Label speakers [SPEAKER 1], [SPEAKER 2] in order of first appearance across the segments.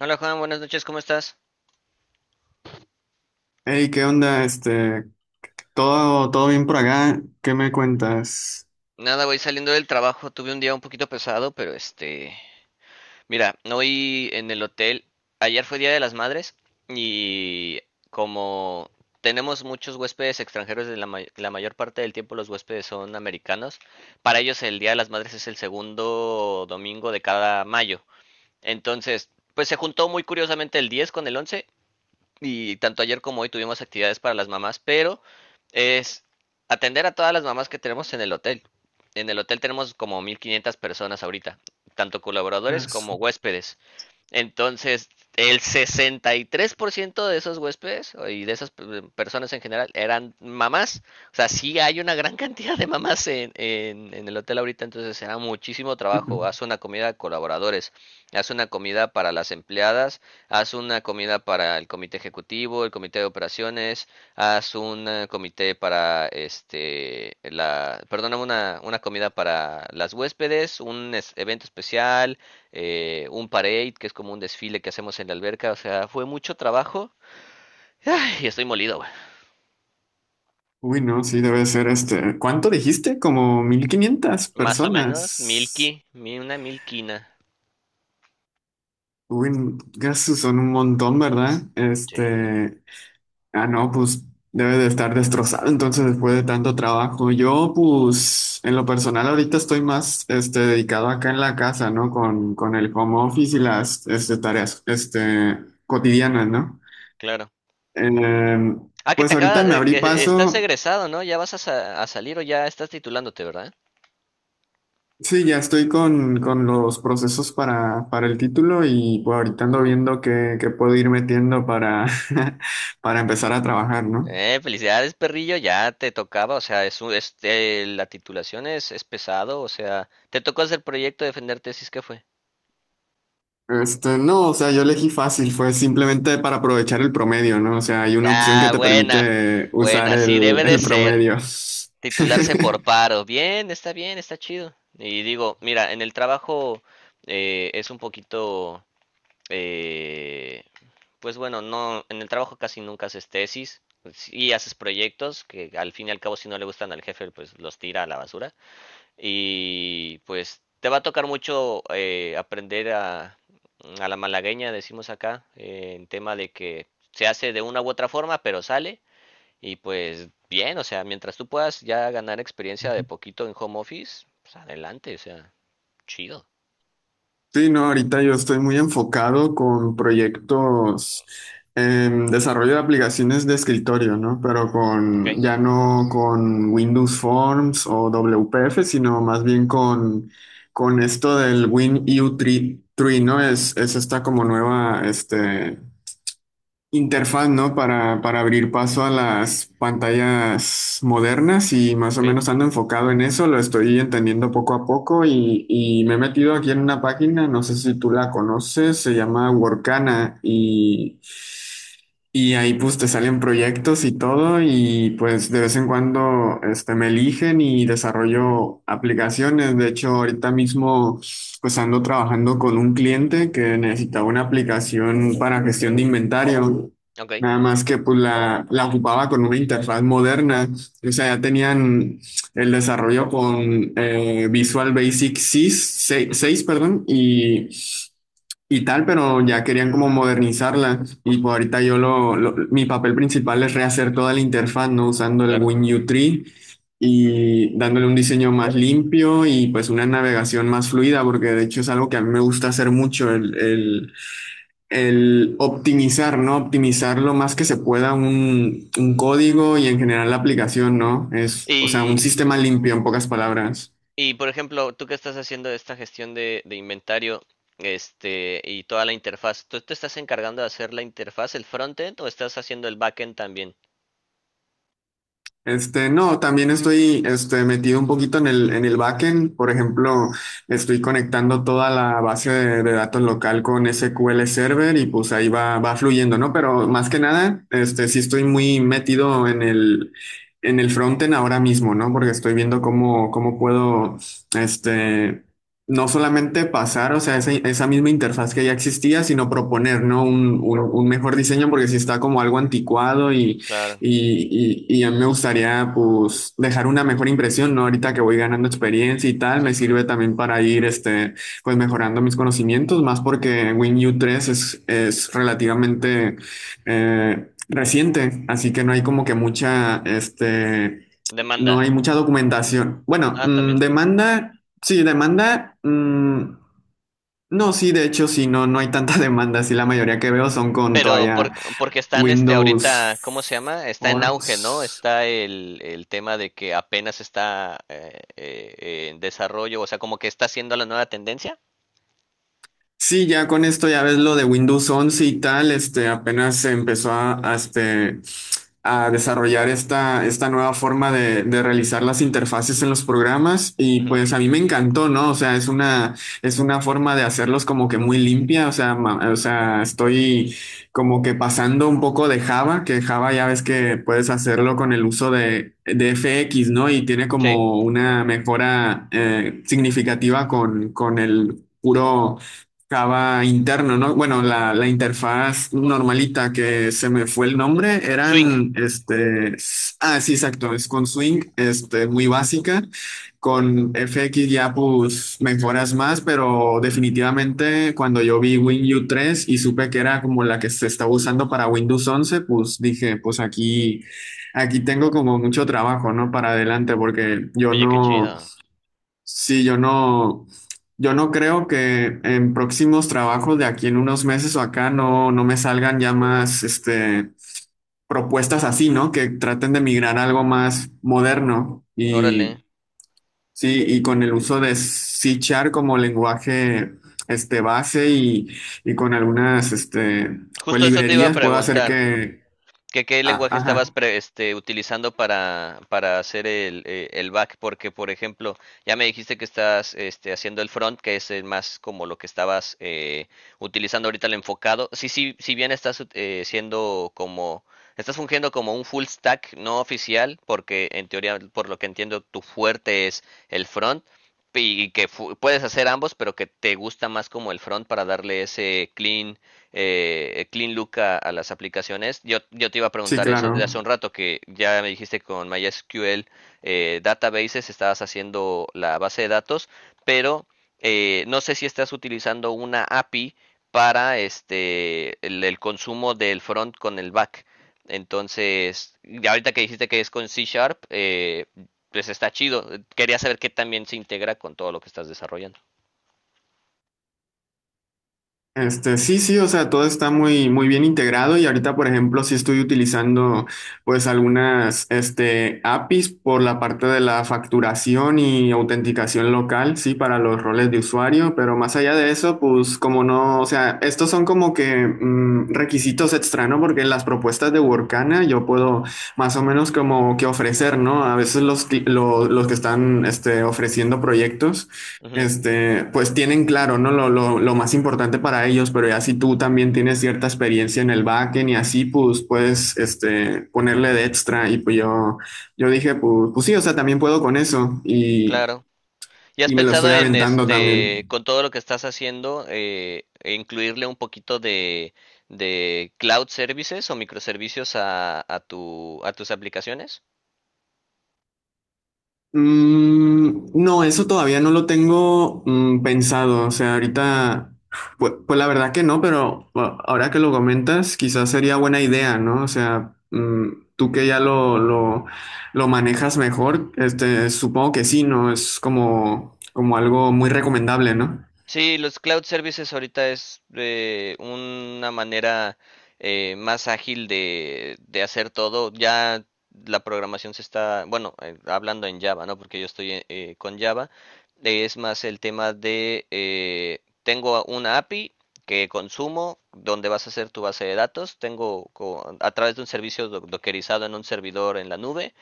[SPEAKER 1] Hola Juan, buenas noches, ¿cómo estás?
[SPEAKER 2] Hey, ¿qué onda? Todo bien por acá. ¿Qué me cuentas?
[SPEAKER 1] Nada, voy saliendo del trabajo, tuve un día un poquito pesado, pero mira, hoy en el hotel, ayer fue Día de las Madres y como tenemos muchos huéspedes extranjeros, la mayor parte del tiempo los huéspedes son americanos. Para ellos el Día de las Madres es el segundo domingo de cada mayo. Entonces, pues se juntó muy curiosamente el 10 con el 11, y tanto ayer como hoy tuvimos actividades para las mamás, pero es atender a todas las mamás que tenemos en el hotel. En el hotel tenemos como 1500 personas ahorita, tanto colaboradores
[SPEAKER 2] Yes.
[SPEAKER 1] como huéspedes. Entonces, el 63% de esos huéspedes y de esas personas en general eran mamás. O sea, sí hay una gran cantidad de mamás en el hotel ahorita, entonces será muchísimo trabajo.
[SPEAKER 2] Ujú.
[SPEAKER 1] Haz una comida a colaboradores, haz una comida para las empleadas, haz una comida para el comité ejecutivo, el comité de operaciones, haz un comité para perdóname, una comida para las huéspedes, un evento especial, un parade, que es como un desfile que hacemos en la alberca. O sea, fue mucho trabajo. Ay, estoy molido, güey.
[SPEAKER 2] Uy, no, sí, debe ser este. ¿Cuánto dijiste? Como 1500
[SPEAKER 1] Más o menos,
[SPEAKER 2] personas.
[SPEAKER 1] una milquina.
[SPEAKER 2] Uy, gasos son un montón, ¿verdad?
[SPEAKER 1] Sí,
[SPEAKER 2] No, pues debe de estar destrozado entonces después de tanto trabajo. Yo, pues, en lo personal ahorita estoy más, este, dedicado acá en la casa, ¿no? Con el home office y las, este, tareas, este, cotidianas, ¿no?
[SPEAKER 1] claro.
[SPEAKER 2] Eh,
[SPEAKER 1] Ah, que
[SPEAKER 2] pues
[SPEAKER 1] te acaba,
[SPEAKER 2] ahorita me abrí
[SPEAKER 1] que estás
[SPEAKER 2] paso.
[SPEAKER 1] egresado, ¿no? Ya vas a salir, o ya estás titulándote, ¿verdad?
[SPEAKER 2] Sí, ya estoy con los procesos para el título y pues ahorita ando
[SPEAKER 1] Uh.
[SPEAKER 2] viendo qué puedo ir metiendo para, para empezar a trabajar, ¿no?
[SPEAKER 1] Felicidades, perrillo, ya te tocaba. O sea, es la titulación es pesado. O sea, te tocó hacer proyecto, defender tesis, ¿qué fue?
[SPEAKER 2] Este, no, o sea, yo elegí fácil, fue simplemente para aprovechar el promedio, ¿no? O sea, hay una opción que
[SPEAKER 1] Ah,
[SPEAKER 2] te
[SPEAKER 1] buena,
[SPEAKER 2] permite usar
[SPEAKER 1] buena, sí
[SPEAKER 2] el,
[SPEAKER 1] debe de
[SPEAKER 2] el
[SPEAKER 1] ser.
[SPEAKER 2] promedio.
[SPEAKER 1] Titularse por paro. Bien, está chido. Y digo, mira, en el trabajo es un poquito, eh, pues bueno, no, en el trabajo casi nunca haces tesis. Y haces proyectos que al fin y al cabo, si no le gustan al jefe, pues los tira a la basura, y pues te va a tocar mucho aprender a la malagueña, decimos acá en tema de que se hace de una u otra forma, pero sale. Y pues bien, o sea, mientras tú puedas ya ganar experiencia de poquito en home office, pues adelante, o sea, chido.
[SPEAKER 2] Sí, no, ahorita yo estoy muy enfocado con proyectos en desarrollo de aplicaciones de escritorio, ¿no? Pero con,
[SPEAKER 1] Okay.
[SPEAKER 2] ya no con Windows Forms o WPF, sino más bien con esto del WinU3, ¿no? Es esta como nueva, este, interfaz, ¿no? Para abrir paso a las pantallas modernas y más o
[SPEAKER 1] Okay.
[SPEAKER 2] menos ando enfocado en eso, lo estoy entendiendo poco a poco y me he metido aquí en una página, no sé si tú la conoces, se llama Workana y ahí pues te salen proyectos y todo y pues de vez en cuando este, me eligen y desarrollo aplicaciones, de hecho ahorita mismo pues ando trabajando con un cliente que necesitaba una aplicación para gestión de inventario.
[SPEAKER 1] Okay.
[SPEAKER 2] Nada más que pues la ocupaba con una interfaz moderna. O sea, ya tenían el desarrollo con Visual Basic 6, seis
[SPEAKER 1] Ujú,
[SPEAKER 2] 6, perdón, y tal, pero ya querían como modernizarla. Y pues ahorita yo mi papel principal es rehacer toda la interfaz, ¿no? Usando el
[SPEAKER 1] claro.
[SPEAKER 2] WinU3 y dándole un diseño más limpio y pues una navegación más fluida, porque de hecho es algo que a mí me gusta hacer mucho, el optimizar, ¿no? Optimizar lo más que se pueda un código y en general la aplicación, ¿no? Es, o sea, un
[SPEAKER 1] Y,
[SPEAKER 2] sistema limpio en pocas palabras.
[SPEAKER 1] y por ejemplo, tú que estás haciendo esta gestión de inventario, este, y toda la interfaz, ¿tú te estás encargando de hacer la interfaz, el frontend, o estás haciendo el backend también?
[SPEAKER 2] Este, no, también estoy este, metido un poquito en el backend. Por ejemplo, estoy conectando toda la base de datos local con SQL Server y pues ahí va fluyendo, ¿no? Pero más que nada, este, sí estoy muy metido en el frontend ahora mismo, ¿no? Porque estoy viendo cómo puedo, este, no solamente pasar, o sea, esa misma interfaz que ya existía, sino proponer, ¿no? Un mejor diseño porque sí está como algo anticuado
[SPEAKER 1] Claro,
[SPEAKER 2] y a mí me gustaría pues dejar una mejor impresión, ¿no? Ahorita que voy ganando experiencia y tal,
[SPEAKER 1] sí,
[SPEAKER 2] me
[SPEAKER 1] sí, sí.
[SPEAKER 2] sirve también para ir este, pues mejorando mis conocimientos, más porque WinU tres es relativamente reciente, así que no hay como que mucha, este, no
[SPEAKER 1] Demanda.
[SPEAKER 2] hay mucha documentación. Bueno,
[SPEAKER 1] Ah,
[SPEAKER 2] mm,
[SPEAKER 1] también.
[SPEAKER 2] demanda, sí, demanda, mm, no, sí, de hecho, sí, no, no hay tanta demanda, sí, la mayoría que veo son con todavía
[SPEAKER 1] Porque están este
[SPEAKER 2] Windows
[SPEAKER 1] ahorita, ¿cómo se llama? Está en auge, ¿no?
[SPEAKER 2] Forms.
[SPEAKER 1] Está el tema de que apenas está en desarrollo, o sea, como que está siendo la nueva tendencia.
[SPEAKER 2] Sí, ya con esto ya ves lo de Windows once y tal, este, apenas se empezó a desarrollar esta nueva forma de realizar las interfaces en los programas y
[SPEAKER 1] Ujú.
[SPEAKER 2] pues a mí me encantó, ¿no? O sea, es una forma de hacerlos como que muy limpia, o sea, estoy como que pasando un poco de Java, que Java ya ves que puedes hacerlo con el uso de FX, ¿no? Y tiene
[SPEAKER 1] Sí,
[SPEAKER 2] como una mejora significativa con el... Puro, Java interno, ¿no? Bueno, la interfaz normalita que se me fue el nombre,
[SPEAKER 1] swing.
[SPEAKER 2] eran, sí, exacto, es con Swing, este, muy básica, con FX ya pues mejoras más, pero definitivamente cuando yo vi WinU tres y supe que era como la que se estaba usando para Windows once pues dije, aquí tengo como mucho trabajo, ¿no? Para adelante, porque yo
[SPEAKER 1] Oye, qué
[SPEAKER 2] no...
[SPEAKER 1] chido.
[SPEAKER 2] Sí, yo no creo que en próximos trabajos de aquí en unos meses o acá no, no me salgan ya más este, propuestas así, ¿no? Que traten de migrar a algo más moderno
[SPEAKER 1] Órale.
[SPEAKER 2] y sí, y con el uso de C como lenguaje este, base y con algunas este, pues,
[SPEAKER 1] Justo eso te iba a
[SPEAKER 2] librerías puedo hacer
[SPEAKER 1] preguntar.
[SPEAKER 2] que.
[SPEAKER 1] ¿ qué
[SPEAKER 2] Ah,
[SPEAKER 1] lenguaje
[SPEAKER 2] ajá,
[SPEAKER 1] estabas utilizando para hacer el back? Porque, por ejemplo, ya me dijiste que estás este, haciendo el front, que es más como lo que estabas utilizando ahorita, el enfocado. Sí, sí, si bien estás siendo como, estás fungiendo como un full stack no oficial, porque en teoría, por lo que entiendo, tu fuerte es el front, y que puedes hacer ambos, pero que te gusta más como el front para darle ese clean Clean Look a las aplicaciones. Yo te iba a
[SPEAKER 2] sí,
[SPEAKER 1] preguntar eso desde hace
[SPEAKER 2] claro.
[SPEAKER 1] un rato, que ya me dijiste que con MySQL Databases estabas haciendo la base de datos, pero no sé si estás utilizando una API para este el consumo del front con el back. Entonces, ya ahorita que dijiste que es con C Sharp, pues está chido. Quería saber qué también se integra con todo lo que estás desarrollando.
[SPEAKER 2] Este, sí, sí, o sea, todo está muy, muy bien integrado y ahorita, por ejemplo, sí estoy utilizando pues algunas, este, APIs por la parte de la facturación y autenticación local, sí, para los roles de usuario, pero más allá de eso, pues como no, o sea, estos son como que mm, requisitos extra, ¿no? Porque las propuestas de Workana yo puedo más o menos como que ofrecer, ¿no? A veces los que están, este, ofreciendo proyectos.
[SPEAKER 1] Ujú,
[SPEAKER 2] Este, pues tienen claro, ¿no? Lo más importante para ellos, pero ya si tú también tienes cierta experiencia en el backend y así, pues puedes, este, ponerle de extra. Y pues yo dije, pues sí, o sea, también puedo con eso
[SPEAKER 1] claro. ¿Y has
[SPEAKER 2] y me lo estoy
[SPEAKER 1] pensado en
[SPEAKER 2] aventando
[SPEAKER 1] este,
[SPEAKER 2] también.
[SPEAKER 1] con todo lo que estás haciendo, incluirle un poquito de cloud services o microservicios a tu, a tus aplicaciones?
[SPEAKER 2] Mm, no, eso todavía no lo tengo pensado. O sea, ahorita, pues, pues la verdad que no, pero bueno, ahora que lo comentas, quizás sería buena idea, ¿no? O sea, mm, tú que ya lo manejas mejor, este, supongo que sí, ¿no? Es como, como algo muy recomendable, ¿no?
[SPEAKER 1] Sí, los cloud services ahorita es una manera más ágil de hacer todo. Ya la programación se está, bueno, hablando en Java, ¿no? Porque yo estoy con Java. Es más el tema de, tengo una API que consumo, donde vas a hacer tu base de datos. Tengo a través de un servicio dockerizado en un servidor en la nube,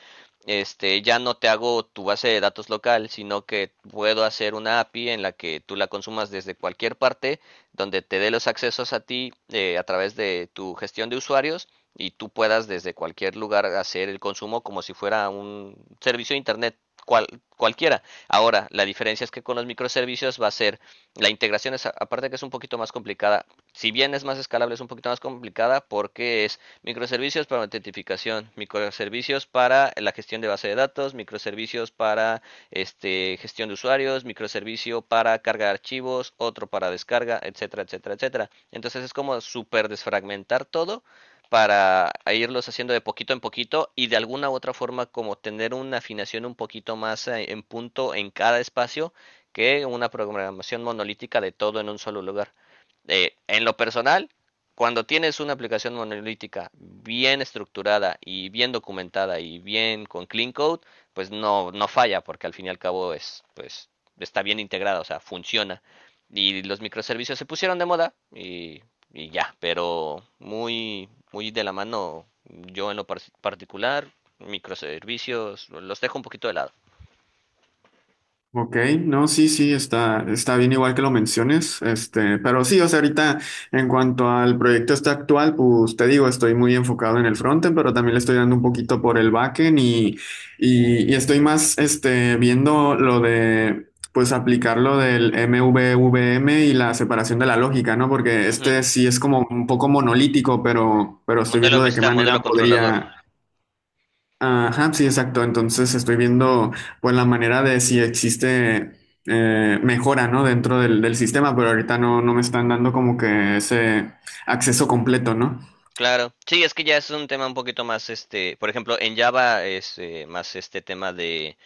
[SPEAKER 1] este, ya no te hago tu base de datos local, sino que puedo hacer una API en la que tú la consumas desde cualquier parte, donde te dé los accesos a ti a través de tu gestión de usuarios, y tú puedas desde cualquier lugar hacer el consumo como si fuera un servicio de Internet cual, cualquiera. Ahora, la diferencia es que con los microservicios va a ser, la integración es, aparte que es un poquito más complicada, si bien es más escalable, es un poquito más complicada porque es microservicios para autentificación, microservicios para la gestión de base de datos, microservicios para este, gestión de usuarios, microservicio para carga de archivos, otro para descarga, etcétera, etcétera, etcétera. Entonces es como super desfragmentar todo para irlos haciendo de poquito en poquito, y de alguna u otra forma como tener una afinación un poquito más en punto en cada espacio que una programación monolítica de todo en un solo lugar. En lo personal, cuando tienes una aplicación monolítica bien estructurada y bien documentada y bien con clean code, pues no, no falla, porque al fin y al cabo es, pues, está bien integrada, o sea, funciona. Y los microservicios se pusieron de moda y ya, pero muy, muy de la mano, yo en lo particular, microservicios, los dejo un poquito de lado.
[SPEAKER 2] Ok, no, está, está bien igual que lo menciones, este, pero sí, o sea, ahorita en cuanto al proyecto este actual, pues te digo, estoy muy enfocado en el frontend, pero también le estoy dando un poquito por el backend y estoy más, este, viendo lo de, pues aplicar lo del MVVM y la separación de la lógica, ¿no? Porque
[SPEAKER 1] Ujú.
[SPEAKER 2] este sí es como un poco monolítico, pero estoy
[SPEAKER 1] Modelo
[SPEAKER 2] viendo de qué
[SPEAKER 1] vista, modelo
[SPEAKER 2] manera
[SPEAKER 1] controlador.
[SPEAKER 2] podría. Ajá, sí, exacto. Entonces estoy viendo pues la manera de si existe mejora, ¿no? Dentro del sistema, pero ahorita no, no me están dando como que ese acceso completo, ¿no?
[SPEAKER 1] Claro, sí, es que ya es un tema un poquito más, este, por ejemplo, en Java es más este tema de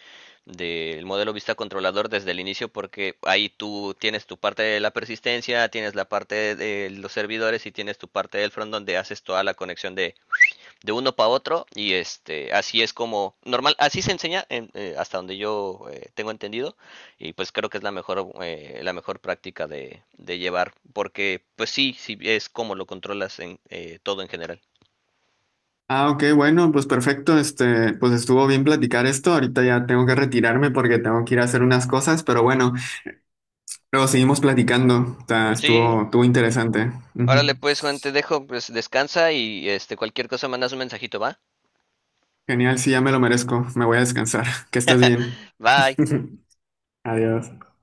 [SPEAKER 1] del modelo vista controlador desde el inicio, porque ahí tú tienes tu parte de la persistencia, tienes la parte de los servidores y tienes tu parte del front donde haces toda la conexión de uno para otro. Y este, así es como normal, así se enseña en, hasta donde yo tengo entendido, y pues creo que es la mejor práctica de llevar, porque pues sí, sí es como lo controlas en todo en general.
[SPEAKER 2] Ah, ok, bueno, pues perfecto. Este, pues estuvo bien platicar esto. Ahorita ya tengo que retirarme porque tengo que ir a hacer unas cosas, pero bueno, luego seguimos platicando. O sea,
[SPEAKER 1] Sí,
[SPEAKER 2] estuvo interesante.
[SPEAKER 1] órale
[SPEAKER 2] Ujú.
[SPEAKER 1] pues Juan, te dejo, pues descansa y este cualquier cosa mandas un mensajito, ¿va?
[SPEAKER 2] Genial, sí, ya me lo merezco. Me voy a descansar. Que estés bien.
[SPEAKER 1] Bye.
[SPEAKER 2] Adiós.